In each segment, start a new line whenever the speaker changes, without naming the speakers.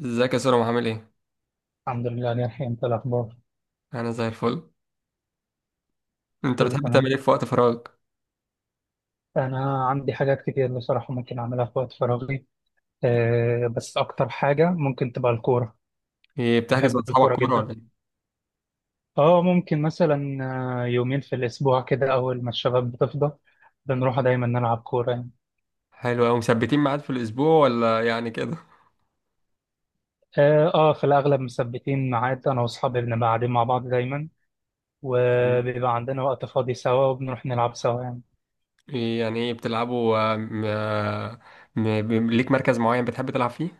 ازيك يا سورة؟ عامل ايه؟
الحمد لله، أنا الحين أنت الأخبار.
انا زي الفل. انت
كله
بتحب
تمام.
تعمل ايه في وقت فراغك؟
أنا عندي حاجات كتير بصراحة ممكن أعملها في وقت فراغي. أه بس أكتر حاجة ممكن تبقى الكورة.
ايه، بتحجز
بحب
مع اصحابك
الكورة
كورة
جدا.
ولا ايه؟
أه ممكن مثلا يومين في الأسبوع كده أول ما الشباب بتفضى. بنروح دايما نلعب كورة يعني.
حلو اوي، مثبتين ميعاد في الاسبوع ولا يعني كده؟
أه في الأغلب مثبتين ميعاد أنا وأصحابي بنبقى قاعدين مع بعض دايما،
مم.
وبيبقى عندنا وقت فاضي سوا وبنروح نلعب سوا يعني.
ايه يعني، ايه بتلعبوا؟ ليك مركز معين بتحب تلعب فيه؟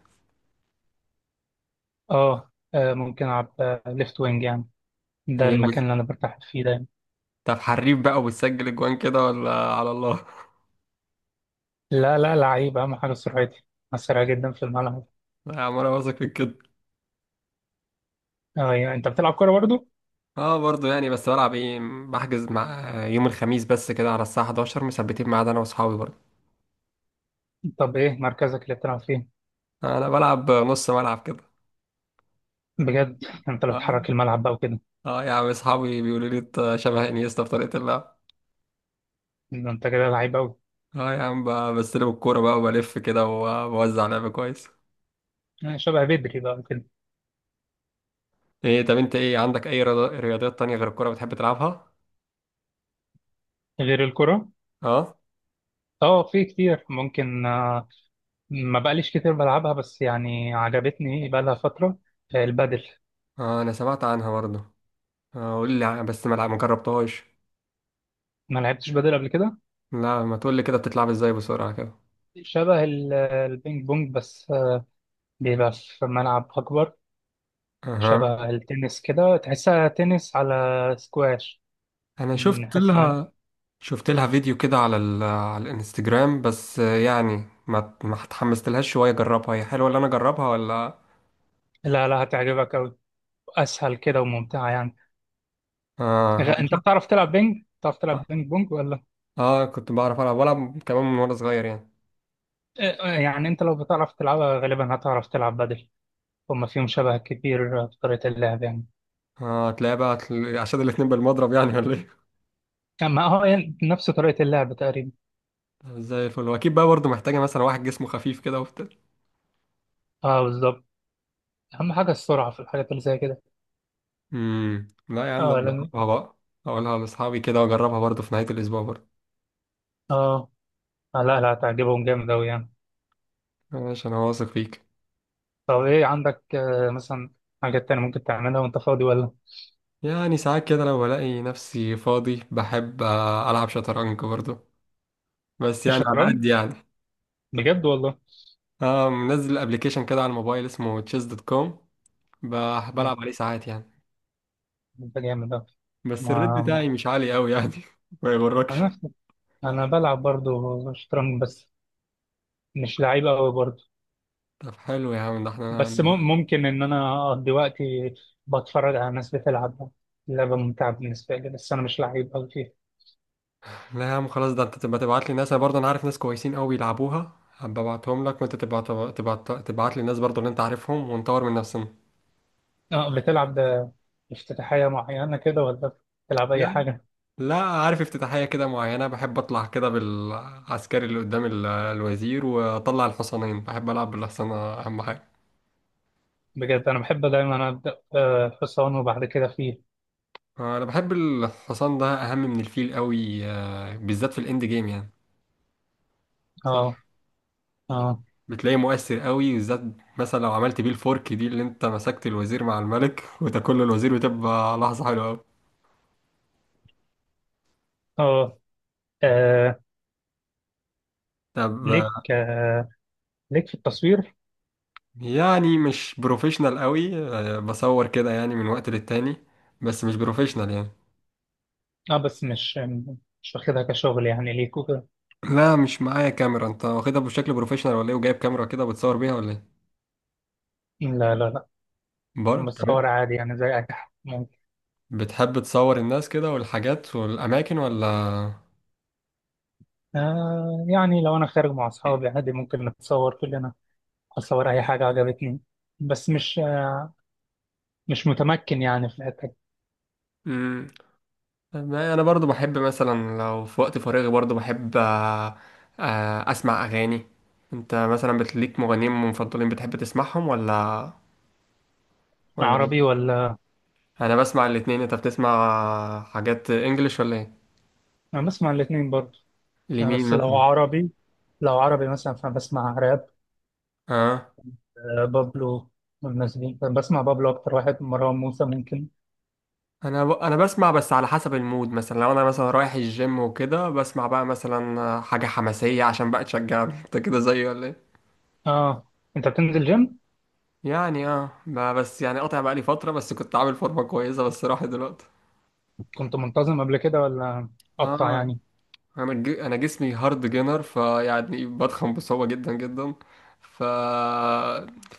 أه ممكن ألعب ليفت وينج يعني. ده
ايه
المكان
وت-
اللي أنا برتاح فيه دايما.
طب حريف بقى وبتسجل اجوان كده ولا على الله؟
لا لا، لعيب، أهم حاجة سرعتي. أنا سريع جدا في الملعب.
يا عم انا واثق فيك كده.
أيوة، أنت بتلعب كورة برضو؟
اه برضه يعني، بس بلعب ايه، بحجز مع يوم الخميس بس كده على الساعة 11، مثبتين ميعاد انا واصحابي برضه.
طب إيه مركزك اللي بتلعب فيه؟
انا بلعب نص ملعب.
بجد أنت اللي
كده.
بتحرك الملعب بقى وكده.
اه يا عم، اصحابي بيقولوا لي انت شبه انيستا في طريقة اللعب.
ده أنت كده لعيب أوي.
اه يا عم، بستلم الكورة بقى وبلف كده وبوزع لعب كويس.
يعني شبه بدري بقى وكده.
ايه طب انت، ايه عندك اي رياضيات تانية غير الكورة بتحب تلعبها؟
غير الكرة؟
اه
أه في كتير ممكن ما بقاليش كتير بلعبها، بس يعني عجبتني بقى لها فترة البادل.
اه. انا سمعت عنها برضه. اه قول لي ع- بس ما لع- ما جربتهاش.
ما لعبتش بادل قبل كده.
لا ما تقول لي كده، بتتلعب ازاي؟ بسرعة كده.
شبه البينج بونج، بس بيبقى في ملعب أكبر.
اها.
شبه التنس كده، تحسها تنس على سكواش.
انا شفت
بنحس ان
لها، شفت لها فيديو كده على على الانستجرام، بس يعني ما اتحمست لهاش شوية. اجربها؟ هي حلوة اللي انا اجربها ولا؟
لا لا هتعجبك أوي. أسهل كده وممتعة يعني.
اه أنا مش
أنت
عارف.
بتعرف تلعب بينج؟ بتعرف تلعب بينج بونج ولا؟
اه كنت بعرف العب، بلعب كمان من وانا صغير يعني.
آه، يعني أنت لو بتعرف تلعبها غالبا هتعرف تلعب بدل. هما فيهم شبه كتير في طريقة اللعب يعني.
اه هتلاقي بقى، عشان الاتنين بالمضرب يعني ولا ايه؟
أما هو يعني نفس طريقة اللعب تقريبا.
زي الفل. واكيد بقى برضه محتاجه مثلا واحد جسمه خفيف كده وبتاع.
أه بالظبط. أهم حاجة السرعة في الحاجات اللي زي كده.
لا يا عم، ده
أه
أنا
لأن.
هجربها بقى، اقولها لاصحابي كده واجربها برضه في نهايه الاسبوع برضه.
أه لا لا هتعجبهم جامد أوي يعني.
ماشي انا واثق فيك.
طب إيه عندك مثلا حاجات تانية ممكن تعملها وأنت فاضي ولا؟
يعني ساعات كده لو بلاقي نفسي فاضي بحب العب شطرنج برضه، بس يعني على
الشطرنج.
قد يعني.
بجد والله.
اه منزل ابلكيشن كده على الموبايل اسمه تشيس دوت كوم،
آه،
بلعب عليه ساعات يعني.
أنت جامد أوي.
بس الريت
ما
بتاعي مش عالي قوي يعني. ما يغركش.
ما- انا بلعب برضه شطرنج، بس مش لعيب قوي برضه.
طب حلو يا عم، ده احنا.
بس ممكن ان انا اقضي وقتي بتفرج على ناس بتلعب. لعبه ممتعه بالنسبه لي، بس انا مش لعيب قوي فيها.
لا يا عم خلاص، ده انت تبقى تبعت لي ناس، انا برضه انا عارف ناس كويسين قوي يلعبوها، هبقى ابعتهم لك وانت تبقى تبعت لي ناس برضه اللي انت عارفهم ونطور من نفسنا.
اه بتلعب ده افتتاحيه معينه كده ولا بتلعب اي
يعني
حاجه؟
لا، عارف افتتاحية كده معينة، بحب اطلع كده بالعسكري اللي قدام الوزير، واطلع الحصانين، بحب العب بالحصانة اهم حاجة.
بجد انا بحب دايما ابدا حصان وبعد كده فيل.
انا بحب الحصان ده اهم من الفيل قوي، بالذات في الاند جيم يعني. صح.
اه، اه،
بتلاقيه مؤثر قوي، بالذات مثلا لو عملت بيه الفورك دي، اللي انت مسكت الوزير مع الملك وتاكل له الوزير، وتبقى لحظة حلوة قوي.
اه، آه،
طب
ليك
آه،
آه، ليك في التصوير.
يعني مش بروفيشنال قوي، بصور كده يعني من وقت للتاني، بس مش بروفيشنال يعني.
اه بس مش واخدها كشغل يعني ليك وكده.
لا مش معايا كاميرا. انت واخدها بشكل بروفيشنال ولا ايه؟ وجايب كاميرا كده بتصور بيها ولا ايه؟
لا لا لا،
برضه تمام.
بصور عادي يعني زي اي حد.
بتحب تصور الناس كده والحاجات والاماكن ولا؟
آه يعني لو أنا خارج مع أصحابي عادي ممكن نتصور كلنا. أصور أي حاجة عجبتني. بس مش مش متمكن يعني في الحتة دي.
مم، ما انا برضو بحب مثلا لو في وقت فراغي، برضو بحب اسمع اغاني. انت مثلا بتليك مغنيين مفضلين بتحب تسمعهم ولا ولا ايه؟
عربي ولا؟
انا بسمع الاتنين. انت بتسمع حاجات انجليش ولا ايه؟
أنا بسمع الاتنين برضه.
لمين
بس
مثلا؟
لو عربي مثلا فبسمع راب.
اه
بابلو والناس دي، بسمع بابلو أكتر واحد، مروان موسى ممكن.
انا انا بسمع بس على حسب المود. مثلا لو انا مثلا رايح الجيم وكده بسمع بقى مثلا حاجة حماسية عشان بقى تشجعني. انت كده زيي ولا ايه؟
آه أنت بتنزل جيم؟
يعني اه، بس يعني قاطع بقى لي فترة. بس كنت عامل فورمة كويسة بس راحت دلوقتي.
كنت منتظم قبل كده ولا قطع
اه
يعني؟
انا انا جسمي هارد جينر، فيعني بضخم بصعوبه جدا جدا. ف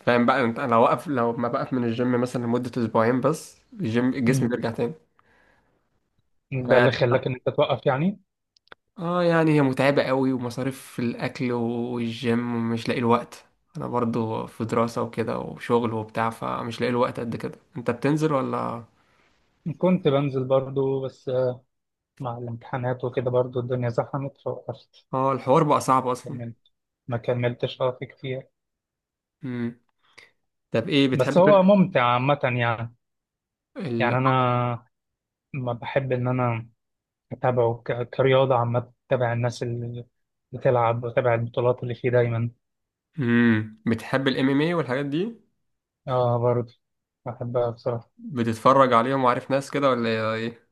فاهم بقى انت، انا واقف. لو ما بقف من الجيم مثلا لمده اسبوعين بس، الجيم جسمي
مم.
بيرجع تاني. آه
ده
يعني.
اللي خلاك إن أنت توقف يعني؟
اه يعني هي متعبه قوي، ومصاريف في الاكل والجيم، ومش لاقي الوقت. انا برضو في دراسه وكده وشغل وبتاع، فمش لاقي الوقت قد كده. انت بتنزل ولا؟
كنت بنزل برضه، بس مع الامتحانات وكده برضو الدنيا زحمت فوقفت.
اه، الحوار بقى صعب اصلا.
كملت ما كملتش، اه، في كتير.
امم طب ايه
بس
بتحب
هو ممتع عامة يعني.
ال...
يعني أنا ما بحب إن أنا أتابعه كرياضة عامة، أتابع الناس اللي بتلعب وأتابع البطولات اللي فيه دايما.
بتحب الام ام اي والحاجات دي؟
اه برضه بحبها بصراحة.
بتتفرج عليهم وعارف ناس كده ولا ايه؟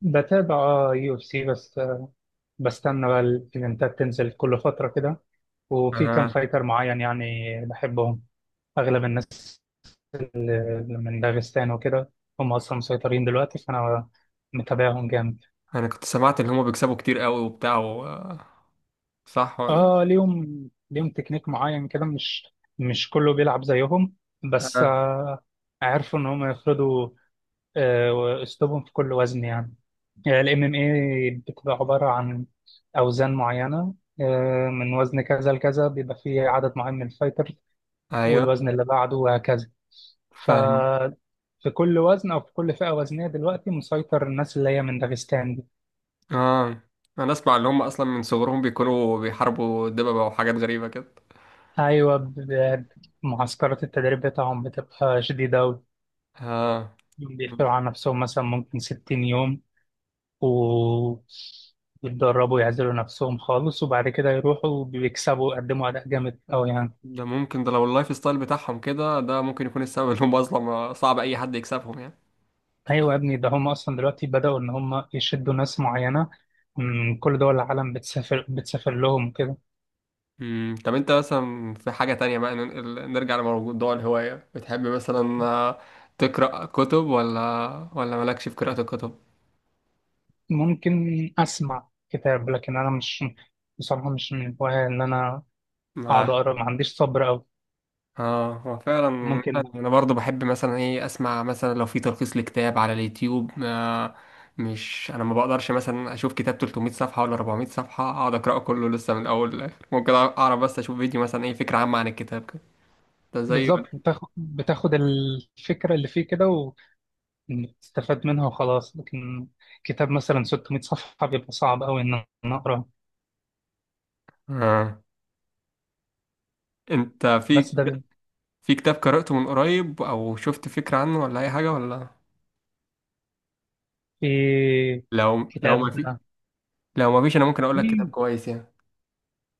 بتابع UFC، بس بستنى بقى الإيفنتات تنزل كل فترة كده. وفي كام
اها.
فايتر معين يعني بحبهم. أغلب الناس من داغستان وكده، هم أصلا مسيطرين دلوقتي فأنا متابعهم جامد.
انا كنت سمعت ان هما بيكسبوا كتير قوي وبتاع صح ولا؟
اه، ليهم تكنيك معين كده، مش كله بيلعب زيهم، بس
اها.
عرفوا ان هم يفرضوا اسلوبهم في كل وزن يعني. MMA بتبقى عباره عن اوزان معينه، من وزن كذا لكذا بيبقى فيه عدد معين من الفايتر،
ايوه.
والوزن اللي بعده وهكذا. ف
فاهم.
في كل وزن او في كل فئه وزنيه دلوقتي مسيطر الناس اللي هي من داغستان دي.
اه انا اسمع ان هما اصلا من صغرهم بيكونوا بيحاربوا دببة وحاجات غريبة كده.
ايوه، معسكرات التدريب بتاعهم بتبقى شديده أوي.
اه
بيشتغلوا على نفسهم مثلا ممكن 60 يوم، و يتدربوا يعزلوا نفسهم خالص، وبعد كده يروحوا بيكسبوا يقدموا أداء جامد أوي يعني.
ده ممكن، ده لو اللايف ستايل بتاعهم كده، ده ممكن يكون السبب ان هم اصلا صعب اي حد يكسبهم يعني.
أيوة يا ابني، ده هم أصلا دلوقتي بدأوا إن هم يشدوا ناس معينة من كل دول العالم، بتسافر لهم كده.
طب انت مثلا في حاجة تانية بقى، نرجع لموضوع الهواية، بتحب مثلا تقرأ كتب ولا ولا مالكش في قراءة الكتب؟
ممكن أسمع كتاب لكن أنا مش، بصراحة مش من الهواية إن أنا
ما
أقعد أقرأ، ما عنديش صبر أوي.
اه هو فعلا.
ممكن.
انا برضو بحب مثلا ايه، اسمع مثلا لو في تلخيص لكتاب على اليوتيوب. ما مش انا، ما بقدرش مثلا اشوف كتاب 300 صفحة ولا 400 صفحة اقعد اقراه كله لسه من الاول للاخر، ممكن اعرف بس اشوف فيديو مثلا ايه فكرة عامة عن الكتاب كده، ده زي.
بالظبط، بتاخد الفكرة اللي فيه كده، استفاد منها وخلاص، لكن كتاب مثلا 600 صفحة بيبقى صعب أوي إن أنا أقراه.
اه انت في،
بس ده بي-،
في كتاب قرأته من قريب او شفت فكرة عنه ولا اي حاجة ولا؟
في
لو ما
كتاب.
في، لو ما فيش انا ممكن اقول لك كتاب
مم.
كويس يعني.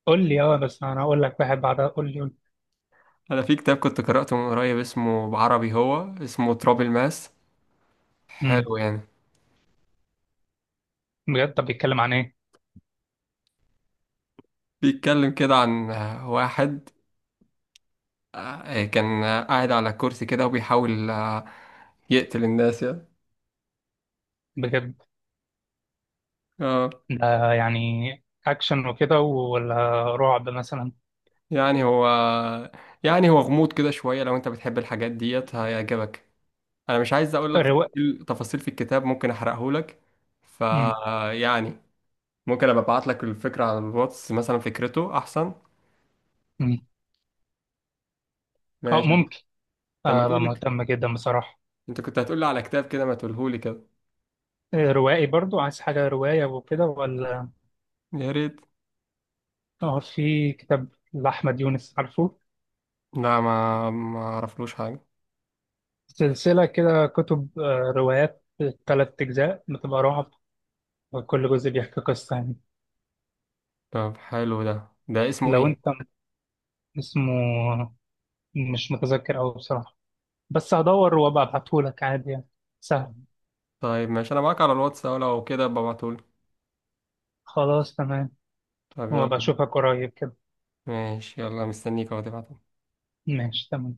قول لي، أه، بس أنا أقول لك واحد بعدها. قول لي قول لي.
انا في كتاب كنت قرأته من قريب اسمه بعربي، هو اسمه تراب الماس،
مم.
حلو يعني.
بجد طب بيتكلم عن إيه؟
بيتكلم كده عن واحد كان قاعد على كرسي كده وبيحاول يقتل الناس يعني.
بجد.
اه
ده يعني أكشن وكده ولا رعب مثلا؟
يعني هو، يعني هو غموض كده شوية، لو انت بتحب الحاجات ديت هيعجبك. انا مش عايز اقول لك
رواية.
تفاصيل في الكتاب، ممكن احرقه لك. ف
مم.
يعني ممكن ابقى ابعت لك الفكرة على الواتس مثلا، فكرته احسن.
مم. أه
ماشي.
ممكن.
طب ما
أبقى
تقول لك،
مهتم جدا بصراحة.
انت كنت هتقول لي على كتاب كده، ما تقوله لي كده.
روائي برضو، عايز حاجة رواية وكده ولا؟
يا ريت.
أه في كتاب لأحمد يونس، عارفه؟
لا، ما ما اعرفلوش حاجة.
سلسلة كده كتب روايات، تلات أجزاء بتبقى رعب، وكل جزء بيحكي قصة يعني.
طب حلو، ده ده اسمه
لو أنت
ايه؟
م- اسمه، مش متذكر أوي بصراحة، بس هدور وأبقى أبعتهولك عادي يعني، سهل.
طيب ماشي انا معاك على الواتس أهو، لو كده ابقى ابعتهولي.
خلاص تمام.
طب
وأبقى
يلا.
أشوفك قريب كده.
ماشي يلا، مستنيك اهو تبعته.
ماشي تمام.